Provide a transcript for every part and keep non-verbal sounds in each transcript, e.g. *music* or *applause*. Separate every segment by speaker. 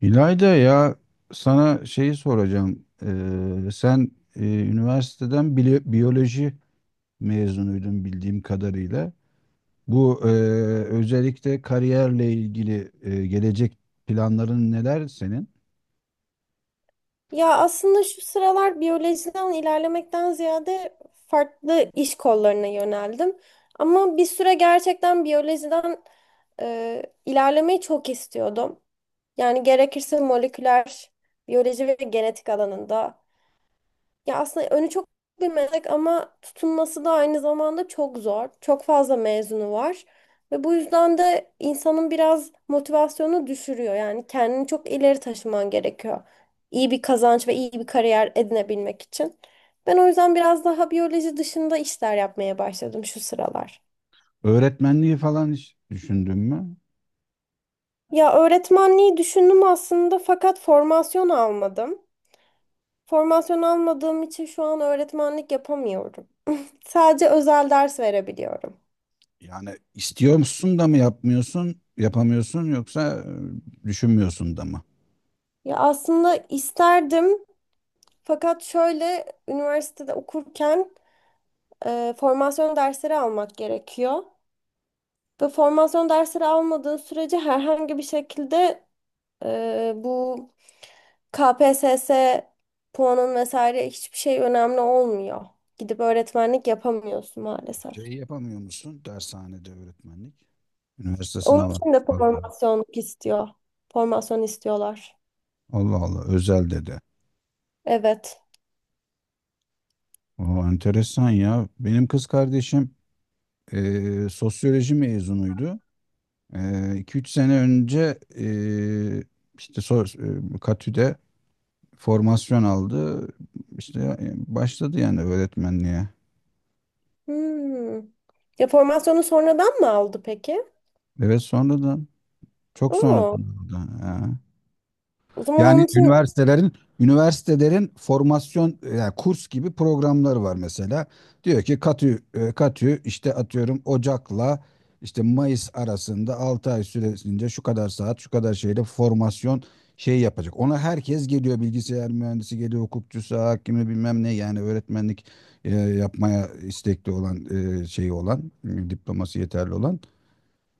Speaker 1: İlayda ya, sana şeyi soracağım. Sen üniversiteden biyoloji mezunuydun bildiğim kadarıyla. Bu özellikle kariyerle ilgili gelecek planların neler senin?
Speaker 2: Ya aslında şu sıralar biyolojiden ilerlemekten ziyade farklı iş kollarına yöneldim. Ama bir süre gerçekten biyolojiden ilerlemeyi çok istiyordum. Yani gerekirse moleküler biyoloji ve genetik alanında ya aslında önü çok bir meslek, ama tutunması da aynı zamanda çok zor. Çok fazla mezunu var. Ve bu yüzden de insanın biraz motivasyonu düşürüyor. Yani kendini çok ileri taşıman gerekiyor. İyi bir kazanç ve iyi bir kariyer edinebilmek için. Ben o yüzden biraz daha biyoloji dışında işler yapmaya başladım şu sıralar.
Speaker 1: Öğretmenliği falan hiç düşündün mü?
Speaker 2: Ya öğretmenliği düşündüm aslında, fakat formasyon almadım. Formasyon almadığım için şu an öğretmenlik yapamıyorum. Sadece özel ders verebiliyorum.
Speaker 1: Yani istiyor musun da mı yapmıyorsun, yapamıyorsun yoksa düşünmüyorsun da mı?
Speaker 2: Ya aslında isterdim, fakat şöyle üniversitede okurken formasyon dersleri almak gerekiyor. Ve formasyon dersleri almadığın sürece herhangi bir şekilde bu KPSS puanın vesaire hiçbir şey önemli olmuyor. Gidip öğretmenlik yapamıyorsun maalesef.
Speaker 1: Şey yapamıyor musun dershanede öğretmenlik? Üniversite
Speaker 2: Onun
Speaker 1: sınavı.
Speaker 2: için de
Speaker 1: Allah
Speaker 2: formasyonluk istiyor. Formasyon istiyorlar.
Speaker 1: Allah, özel dedi.
Speaker 2: Evet.
Speaker 1: Aa, enteresan ya. Benim kız kardeşim sosyoloji mezunuydu. 2-3 sene önce işte Katü'de formasyon aldı. İşte başladı yani öğretmenliğe.
Speaker 2: Hmm. Ya formasyonu sonradan mı aldı peki?
Speaker 1: Evet, sonradan, çok
Speaker 2: Oo.
Speaker 1: sonradan oldu.
Speaker 2: O zaman
Speaker 1: Yani
Speaker 2: onun için...
Speaker 1: üniversitelerin formasyon yani kurs gibi programları var mesela. Diyor ki katü katü işte atıyorum Ocak'la işte Mayıs arasında 6 ay süresince şu kadar saat şu kadar şeyle formasyon şey yapacak. Ona herkes geliyor, bilgisayar mühendisi geliyor, hukukçusu, hakimi, bilmem ne. Yani öğretmenlik yapmaya istekli olan, şeyi olan, diploması yeterli olan.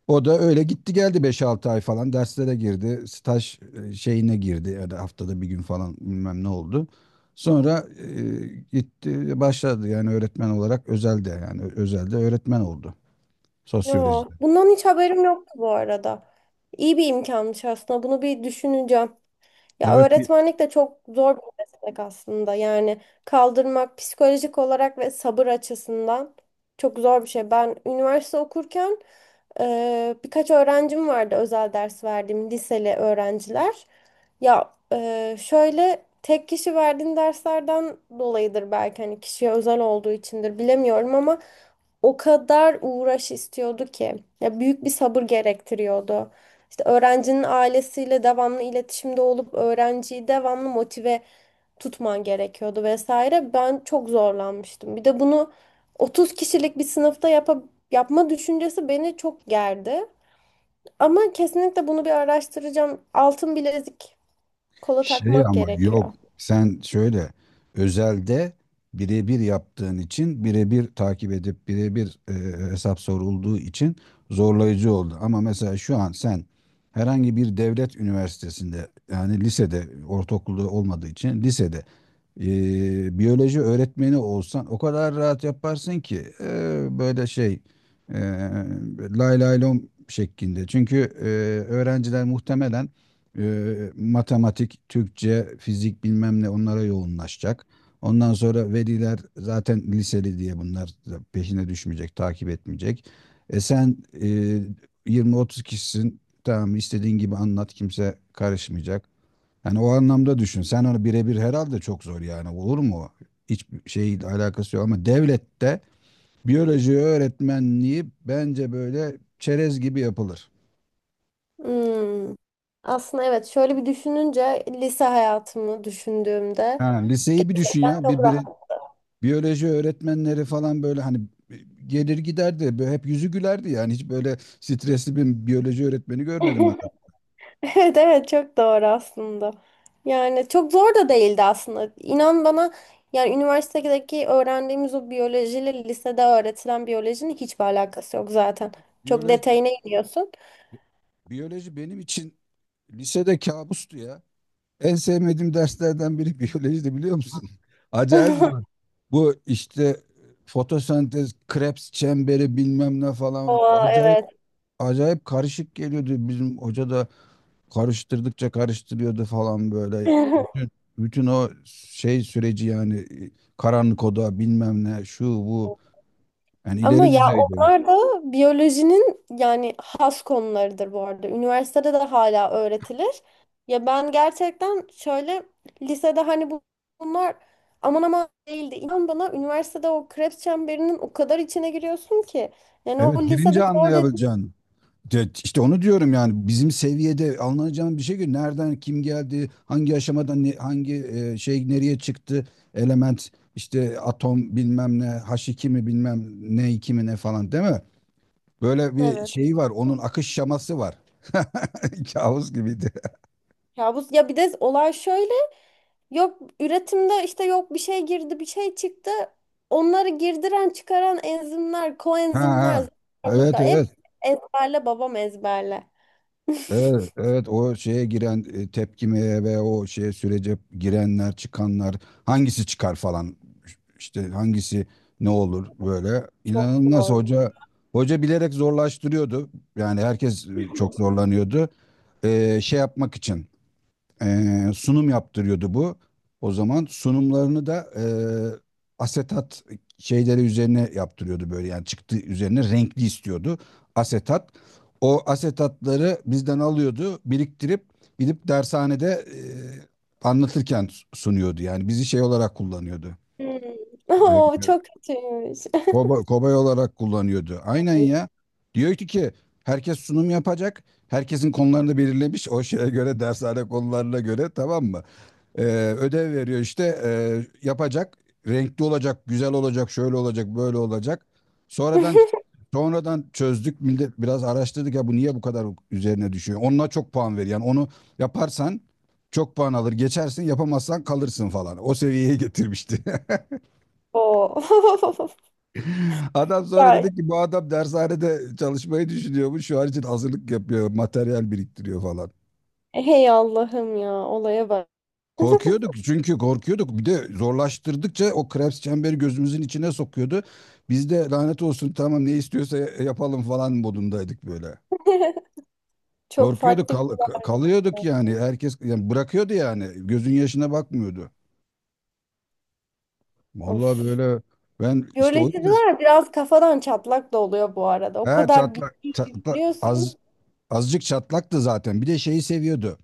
Speaker 1: O da öyle gitti geldi, beş altı ay falan derslere girdi. Staj şeyine girdi ya da haftada bir gün falan bilmem ne oldu. Sonra gitti başladı yani öğretmen olarak özelde, yani özelde öğretmen oldu
Speaker 2: Yo,
Speaker 1: sosyolojide.
Speaker 2: bundan hiç haberim yoktu bu arada. İyi bir imkanmış aslında. Bunu bir düşüneceğim. Ya
Speaker 1: Evet.
Speaker 2: öğretmenlik de çok zor bir meslek aslında. Yani kaldırmak psikolojik olarak ve sabır açısından çok zor bir şey. Ben üniversite okurken birkaç öğrencim vardı, özel ders verdiğim liseli öğrenciler. Ya şöyle tek kişi verdiğin derslerden dolayıdır belki, hani kişiye özel olduğu içindir bilemiyorum ama o kadar uğraş istiyordu ki ya, büyük bir sabır gerektiriyordu. İşte öğrencinin ailesiyle devamlı iletişimde olup öğrenciyi devamlı motive tutman gerekiyordu vesaire. Ben çok zorlanmıştım. Bir de bunu 30 kişilik bir sınıfta yapma düşüncesi beni çok gerdi. Ama kesinlikle bunu bir araştıracağım. Altın bilezik kola
Speaker 1: Şey,
Speaker 2: takmak
Speaker 1: ama
Speaker 2: gerekiyor.
Speaker 1: yok, sen şöyle özelde birebir yaptığın için, birebir takip edip birebir hesap sorulduğu için zorlayıcı oldu. Ama mesela şu an sen herhangi bir devlet üniversitesinde, yani lisede, ortaokulda olmadığı için lisede biyoloji öğretmeni olsan, o kadar rahat yaparsın ki böyle şey e, lay lay lom şeklinde. Çünkü öğrenciler muhtemelen matematik, Türkçe, fizik, bilmem ne, onlara yoğunlaşacak. Ondan sonra veliler zaten liseli diye bunlar da peşine düşmeyecek, takip etmeyecek. E sen e, 20-30 kişisin. Tamam, istediğin gibi anlat, kimse karışmayacak. Yani o anlamda düşün. Sen onu birebir herhalde çok zor yani. Olur mu? Hiçbir şeyle alakası yok, ama devlette biyoloji öğretmenliği bence böyle çerez gibi yapılır.
Speaker 2: Hmm. Aslında evet, şöyle bir düşününce lise hayatımı
Speaker 1: Ha,
Speaker 2: düşündüğümde
Speaker 1: liseyi bir düşün
Speaker 2: gerçekten
Speaker 1: ya.
Speaker 2: çok rahat.
Speaker 1: Biyoloji öğretmenleri falan böyle hani gelir giderdi. Böyle hep yüzü gülerdi yani. Hiç böyle stresli bir biyoloji öğretmeni görmedim ben.
Speaker 2: *laughs* Evet evet, çok doğru aslında. Yani çok zor da değildi aslında. İnan bana, yani üniversitedeki öğrendiğimiz o biyolojiyle lisede öğretilen biyolojinin hiçbir alakası yok zaten. Çok
Speaker 1: Biyoloji,
Speaker 2: detayına iniyorsun.
Speaker 1: biyoloji benim için lisede kabustu ya. En sevmediğim derslerden biri *laughs* biyolojide biliyor musun? *laughs* Acayip zor.
Speaker 2: *laughs*
Speaker 1: Bu işte fotosentez, Krebs çemberi bilmem ne falan
Speaker 2: Oo
Speaker 1: acayip
Speaker 2: evet.
Speaker 1: acayip karışık geliyordu. Bizim hoca da karıştırdıkça karıştırıyordu falan böyle. Bütün,
Speaker 2: *laughs*
Speaker 1: bütün o şey süreci yani karanlık oda bilmem ne şu bu, yani
Speaker 2: Ama
Speaker 1: ileri
Speaker 2: ya
Speaker 1: düzeyde.
Speaker 2: onlar da biyolojinin yani has konularıdır bu arada. Üniversitede de hala öğretilir. Ya ben gerçekten şöyle lisede hani bunlar aman aman değildi. İnan bana, üniversitede o Krebs çemberinin o kadar içine giriyorsun ki. Yani o
Speaker 1: Evet,
Speaker 2: lisede
Speaker 1: girince
Speaker 2: zor dediğin
Speaker 1: anlayabileceğin. İşte onu diyorum yani, bizim seviyede alınacağın bir şey ki nereden kim geldi, hangi aşamadan hangi şey nereye çıktı, element işte, atom bilmem ne, H2 mi, bilmem ne 2 mi ne falan, değil mi? Böyle bir
Speaker 2: evet.
Speaker 1: şey var, onun akış şaması var. *laughs* Kabus gibiydi.
Speaker 2: Ya bu ya bir de olay şöyle, yok üretimde işte, yok bir şey girdi bir şey çıktı. Onları girdiren çıkaran enzimler,
Speaker 1: Ha
Speaker 2: koenzimler,
Speaker 1: ha. Evet,
Speaker 2: zıplar, hep
Speaker 1: evet.
Speaker 2: ezberle babam ezberle.
Speaker 1: Evet, evet, o şeye giren tepkimeye ve o şeye sürece girenler, çıkanlar, hangisi çıkar falan, işte hangisi ne olur, böyle
Speaker 2: Çok
Speaker 1: inanılmaz
Speaker 2: zor.
Speaker 1: hoca bilerek zorlaştırıyordu. Yani herkes çok zorlanıyordu. Şey yapmak için sunum yaptırıyordu bu. O zaman sunumlarını da asetat şeyleri üzerine yaptırıyordu, böyle yani çıktı üzerine renkli istiyordu, asetat. O asetatları bizden alıyordu, biriktirip gidip dershanede anlatırken sunuyordu. Yani bizi şey olarak kullanıyordu.
Speaker 2: Hmm. *laughs* Oo,
Speaker 1: E,
Speaker 2: çok kötüymüş.
Speaker 1: Kobay olarak kullanıyordu. Aynen ya. Diyor ki herkes sunum yapacak. Herkesin konularını belirlemiş, o şeye göre, dershane konularına göre, tamam mı? Ee, Ödev veriyor işte, yapacak. Renkli olacak, güzel olacak, şöyle olacak, böyle olacak. Sonradan
Speaker 2: *laughs*
Speaker 1: sonradan çözdük. Millet, biraz araştırdık ya, bu niye bu kadar üzerine düşüyor. Onunla çok puan ver. Yani onu yaparsan çok puan alır. Geçersin, yapamazsan kalırsın falan. O seviyeye getirmişti.
Speaker 2: Oo. *laughs*
Speaker 1: *laughs* Adam sonra
Speaker 2: Ya,
Speaker 1: dedi ki, bu adam dershanede çalışmayı düşünüyormuş. Şu an için hazırlık yapıyor, materyal biriktiriyor falan.
Speaker 2: hey Allah'ım ya, olaya bak.
Speaker 1: Korkuyorduk, çünkü korkuyorduk. Bir de zorlaştırdıkça o Krebs çemberi gözümüzün içine sokuyordu. Biz de lanet olsun, tamam ne istiyorsa yapalım falan modundaydık böyle.
Speaker 2: *laughs* Çok
Speaker 1: Korkuyorduk,
Speaker 2: farklı bir olay.
Speaker 1: kalıyorduk yani. Herkes yani bırakıyordu yani. Gözün yaşına bakmıyordu. Vallahi
Speaker 2: Of.
Speaker 1: böyle ben işte o yüzden
Speaker 2: Biyolojiler biraz kafadan çatlak da oluyor bu arada. O
Speaker 1: he
Speaker 2: kadar
Speaker 1: çatlak,
Speaker 2: bilgi
Speaker 1: çatlak az
Speaker 2: yüklüyorsun.
Speaker 1: azıcık çatlaktı zaten. Bir de şeyi seviyordu.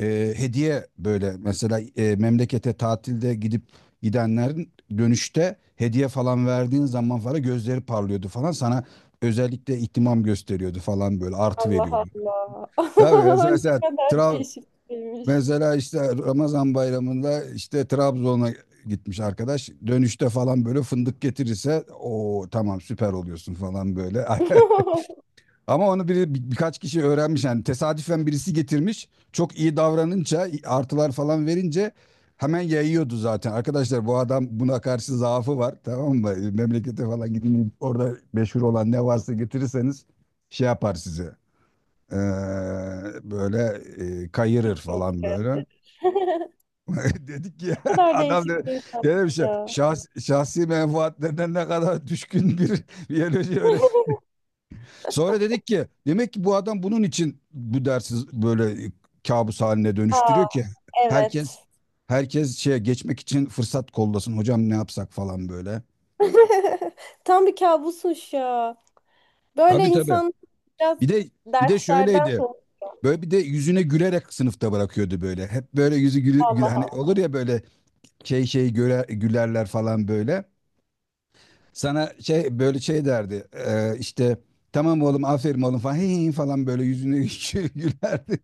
Speaker 1: Hediye, böyle mesela memlekete tatilde gidip gidenlerin dönüşte hediye falan verdiğin zaman falan gözleri parlıyordu falan, sana özellikle ihtimam gösteriyordu falan böyle, artı veriyordu.
Speaker 2: Allah Allah.
Speaker 1: Tabii mesela,
Speaker 2: *laughs* Ne
Speaker 1: mesela
Speaker 2: kadar
Speaker 1: Tra-
Speaker 2: değişikmiş.
Speaker 1: mesela işte Ramazan bayramında, işte Trabzon'a gitmiş arkadaş dönüşte falan böyle fındık getirirse, o tamam, süper oluyorsun falan böyle. *laughs*
Speaker 2: *laughs*
Speaker 1: Ama onu birkaç kişi öğrenmiş yani, tesadüfen birisi getirmiş. Çok iyi davranınca, artılar falan verince hemen yayıyordu zaten. Arkadaşlar, bu adam buna karşı zaafı var, tamam mı? E, memlekete falan gidin, orada meşhur olan ne varsa getirirseniz şey yapar size. Ee, Böyle kayırır
Speaker 2: Hikmet
Speaker 1: falan böyle.
Speaker 2: gösterir. *laughs*
Speaker 1: *laughs* Dedik ki,
Speaker 2: Ne
Speaker 1: *laughs*
Speaker 2: kadar
Speaker 1: adam da
Speaker 2: değişik bir insanmış
Speaker 1: dedim
Speaker 2: ya.
Speaker 1: şahsi menfaatlerine ne kadar düşkün bir *laughs* biyoloji öğretmeni.
Speaker 2: *laughs*
Speaker 1: Sonra dedik ki, demek ki bu adam bunun için bu dersi böyle kabus haline dönüştürüyor
Speaker 2: Aa,
Speaker 1: ki herkes
Speaker 2: evet.
Speaker 1: herkes şeye geçmek için fırsat kollasın, hocam ne yapsak falan böyle.
Speaker 2: *laughs* Tam bir kabusmuş ya. Böyle
Speaker 1: Tabii.
Speaker 2: insan biraz
Speaker 1: Bir de bir de
Speaker 2: derslerden
Speaker 1: şöyleydi.
Speaker 2: sonra
Speaker 1: Böyle bir de yüzüne gülerek sınıfta bırakıyordu böyle. Hep böyle yüzü gülü,
Speaker 2: Allah
Speaker 1: hani
Speaker 2: Allah.
Speaker 1: olur ya böyle şey göre, gülerler falan böyle. Sana şey, böyle şey derdi. İşte tamam oğlum, aferin oğlum falan, *laughs* "Hey, hey, hey" falan böyle yüzüne *laughs* gülerdi.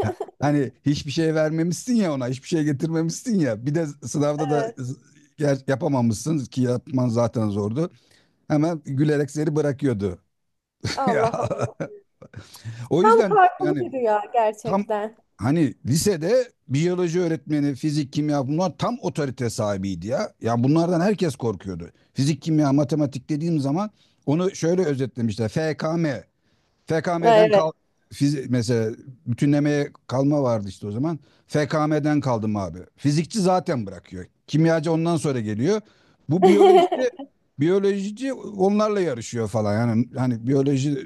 Speaker 1: Hani hiçbir şey vermemişsin ya ona, hiçbir şey getirmemişsin ya. Bir de sınavda da
Speaker 2: Evet.
Speaker 1: yapamamışsın ki, yapman zaten zordu. Hemen gülerek seni bırakıyordu. *laughs* Ya,
Speaker 2: Allah Allah.
Speaker 1: o
Speaker 2: Tam
Speaker 1: yüzden diyorum
Speaker 2: karpuzlu
Speaker 1: yani,
Speaker 2: bir rüya
Speaker 1: tam
Speaker 2: gerçekten.
Speaker 1: hani lisede biyoloji öğretmeni, fizik, kimya, bunlar tam otorite sahibiydi ya. Ya bunlardan herkes korkuyordu. Fizik, kimya, matematik dediğim zaman, onu şöyle özetlemişler. FKM. FKM'den
Speaker 2: Ha,
Speaker 1: kal
Speaker 2: evet.
Speaker 1: fizi- Mesela bütünlemeye kalma vardı işte o zaman. FKM'den kaldım abi. Fizikçi zaten bırakıyor. Kimyacı ondan sonra geliyor. Bu biyolojide
Speaker 2: *laughs*
Speaker 1: biyolojici onlarla yarışıyor falan. Yani hani biyoloji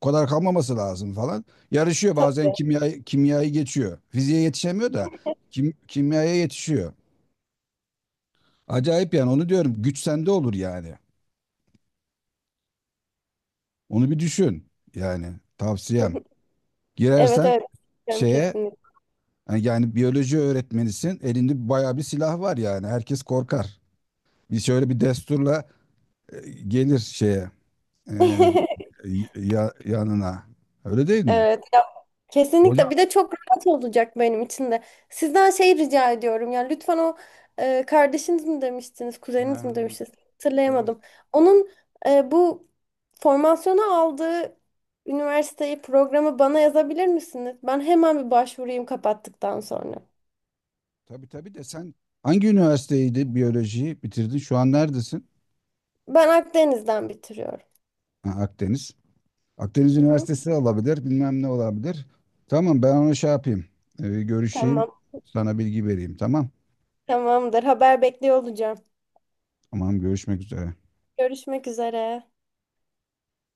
Speaker 1: o kadar kalmaması lazım falan. Yarışıyor, bazen
Speaker 2: Tabii.
Speaker 1: kimya kimyayı geçiyor. Fiziğe yetişemiyor da kimyaya yetişiyor. Acayip yani, onu diyorum. Güç sende olur yani. Onu bir düşün. Yani tavsiyem.
Speaker 2: *laughs* Evet
Speaker 1: Girersen
Speaker 2: evet.
Speaker 1: şeye,
Speaker 2: Kesinlikle.
Speaker 1: yani, yani biyoloji öğretmenisin. Elinde bayağı bir silah var yani. Herkes korkar. Bir şöyle bir desturla gelir şeye, e,
Speaker 2: *laughs*
Speaker 1: ya, yanına. Öyle değil mi?
Speaker 2: Evet, ya kesinlikle.
Speaker 1: Hocam.
Speaker 2: Bir de çok rahat olacak benim için de. Sizden şey rica ediyorum ya, lütfen o kardeşiniz mi demiştiniz, kuzeniniz
Speaker 1: Ha,
Speaker 2: mi demiştiniz?
Speaker 1: evet.
Speaker 2: Hatırlayamadım. Onun bu formasyonu aldığı üniversiteyi, programı bana yazabilir misiniz? Ben hemen bir başvurayım kapattıktan sonra.
Speaker 1: Tabii de sen hangi üniversiteydi biyolojiyi bitirdin? Şu an neredesin?
Speaker 2: Ben Akdeniz'den bitiriyorum.
Speaker 1: Ha, Akdeniz. Akdeniz
Speaker 2: Hı hı.
Speaker 1: Üniversitesi olabilir. Bilmem ne olabilir. Tamam, ben onu şey yapayım. Görüşeyim.
Speaker 2: Tamam,
Speaker 1: Sana bilgi vereyim. Tamam.
Speaker 2: tamamdır. Haber bekliyor olacağım.
Speaker 1: Tamam, görüşmek üzere.
Speaker 2: Görüşmek üzere.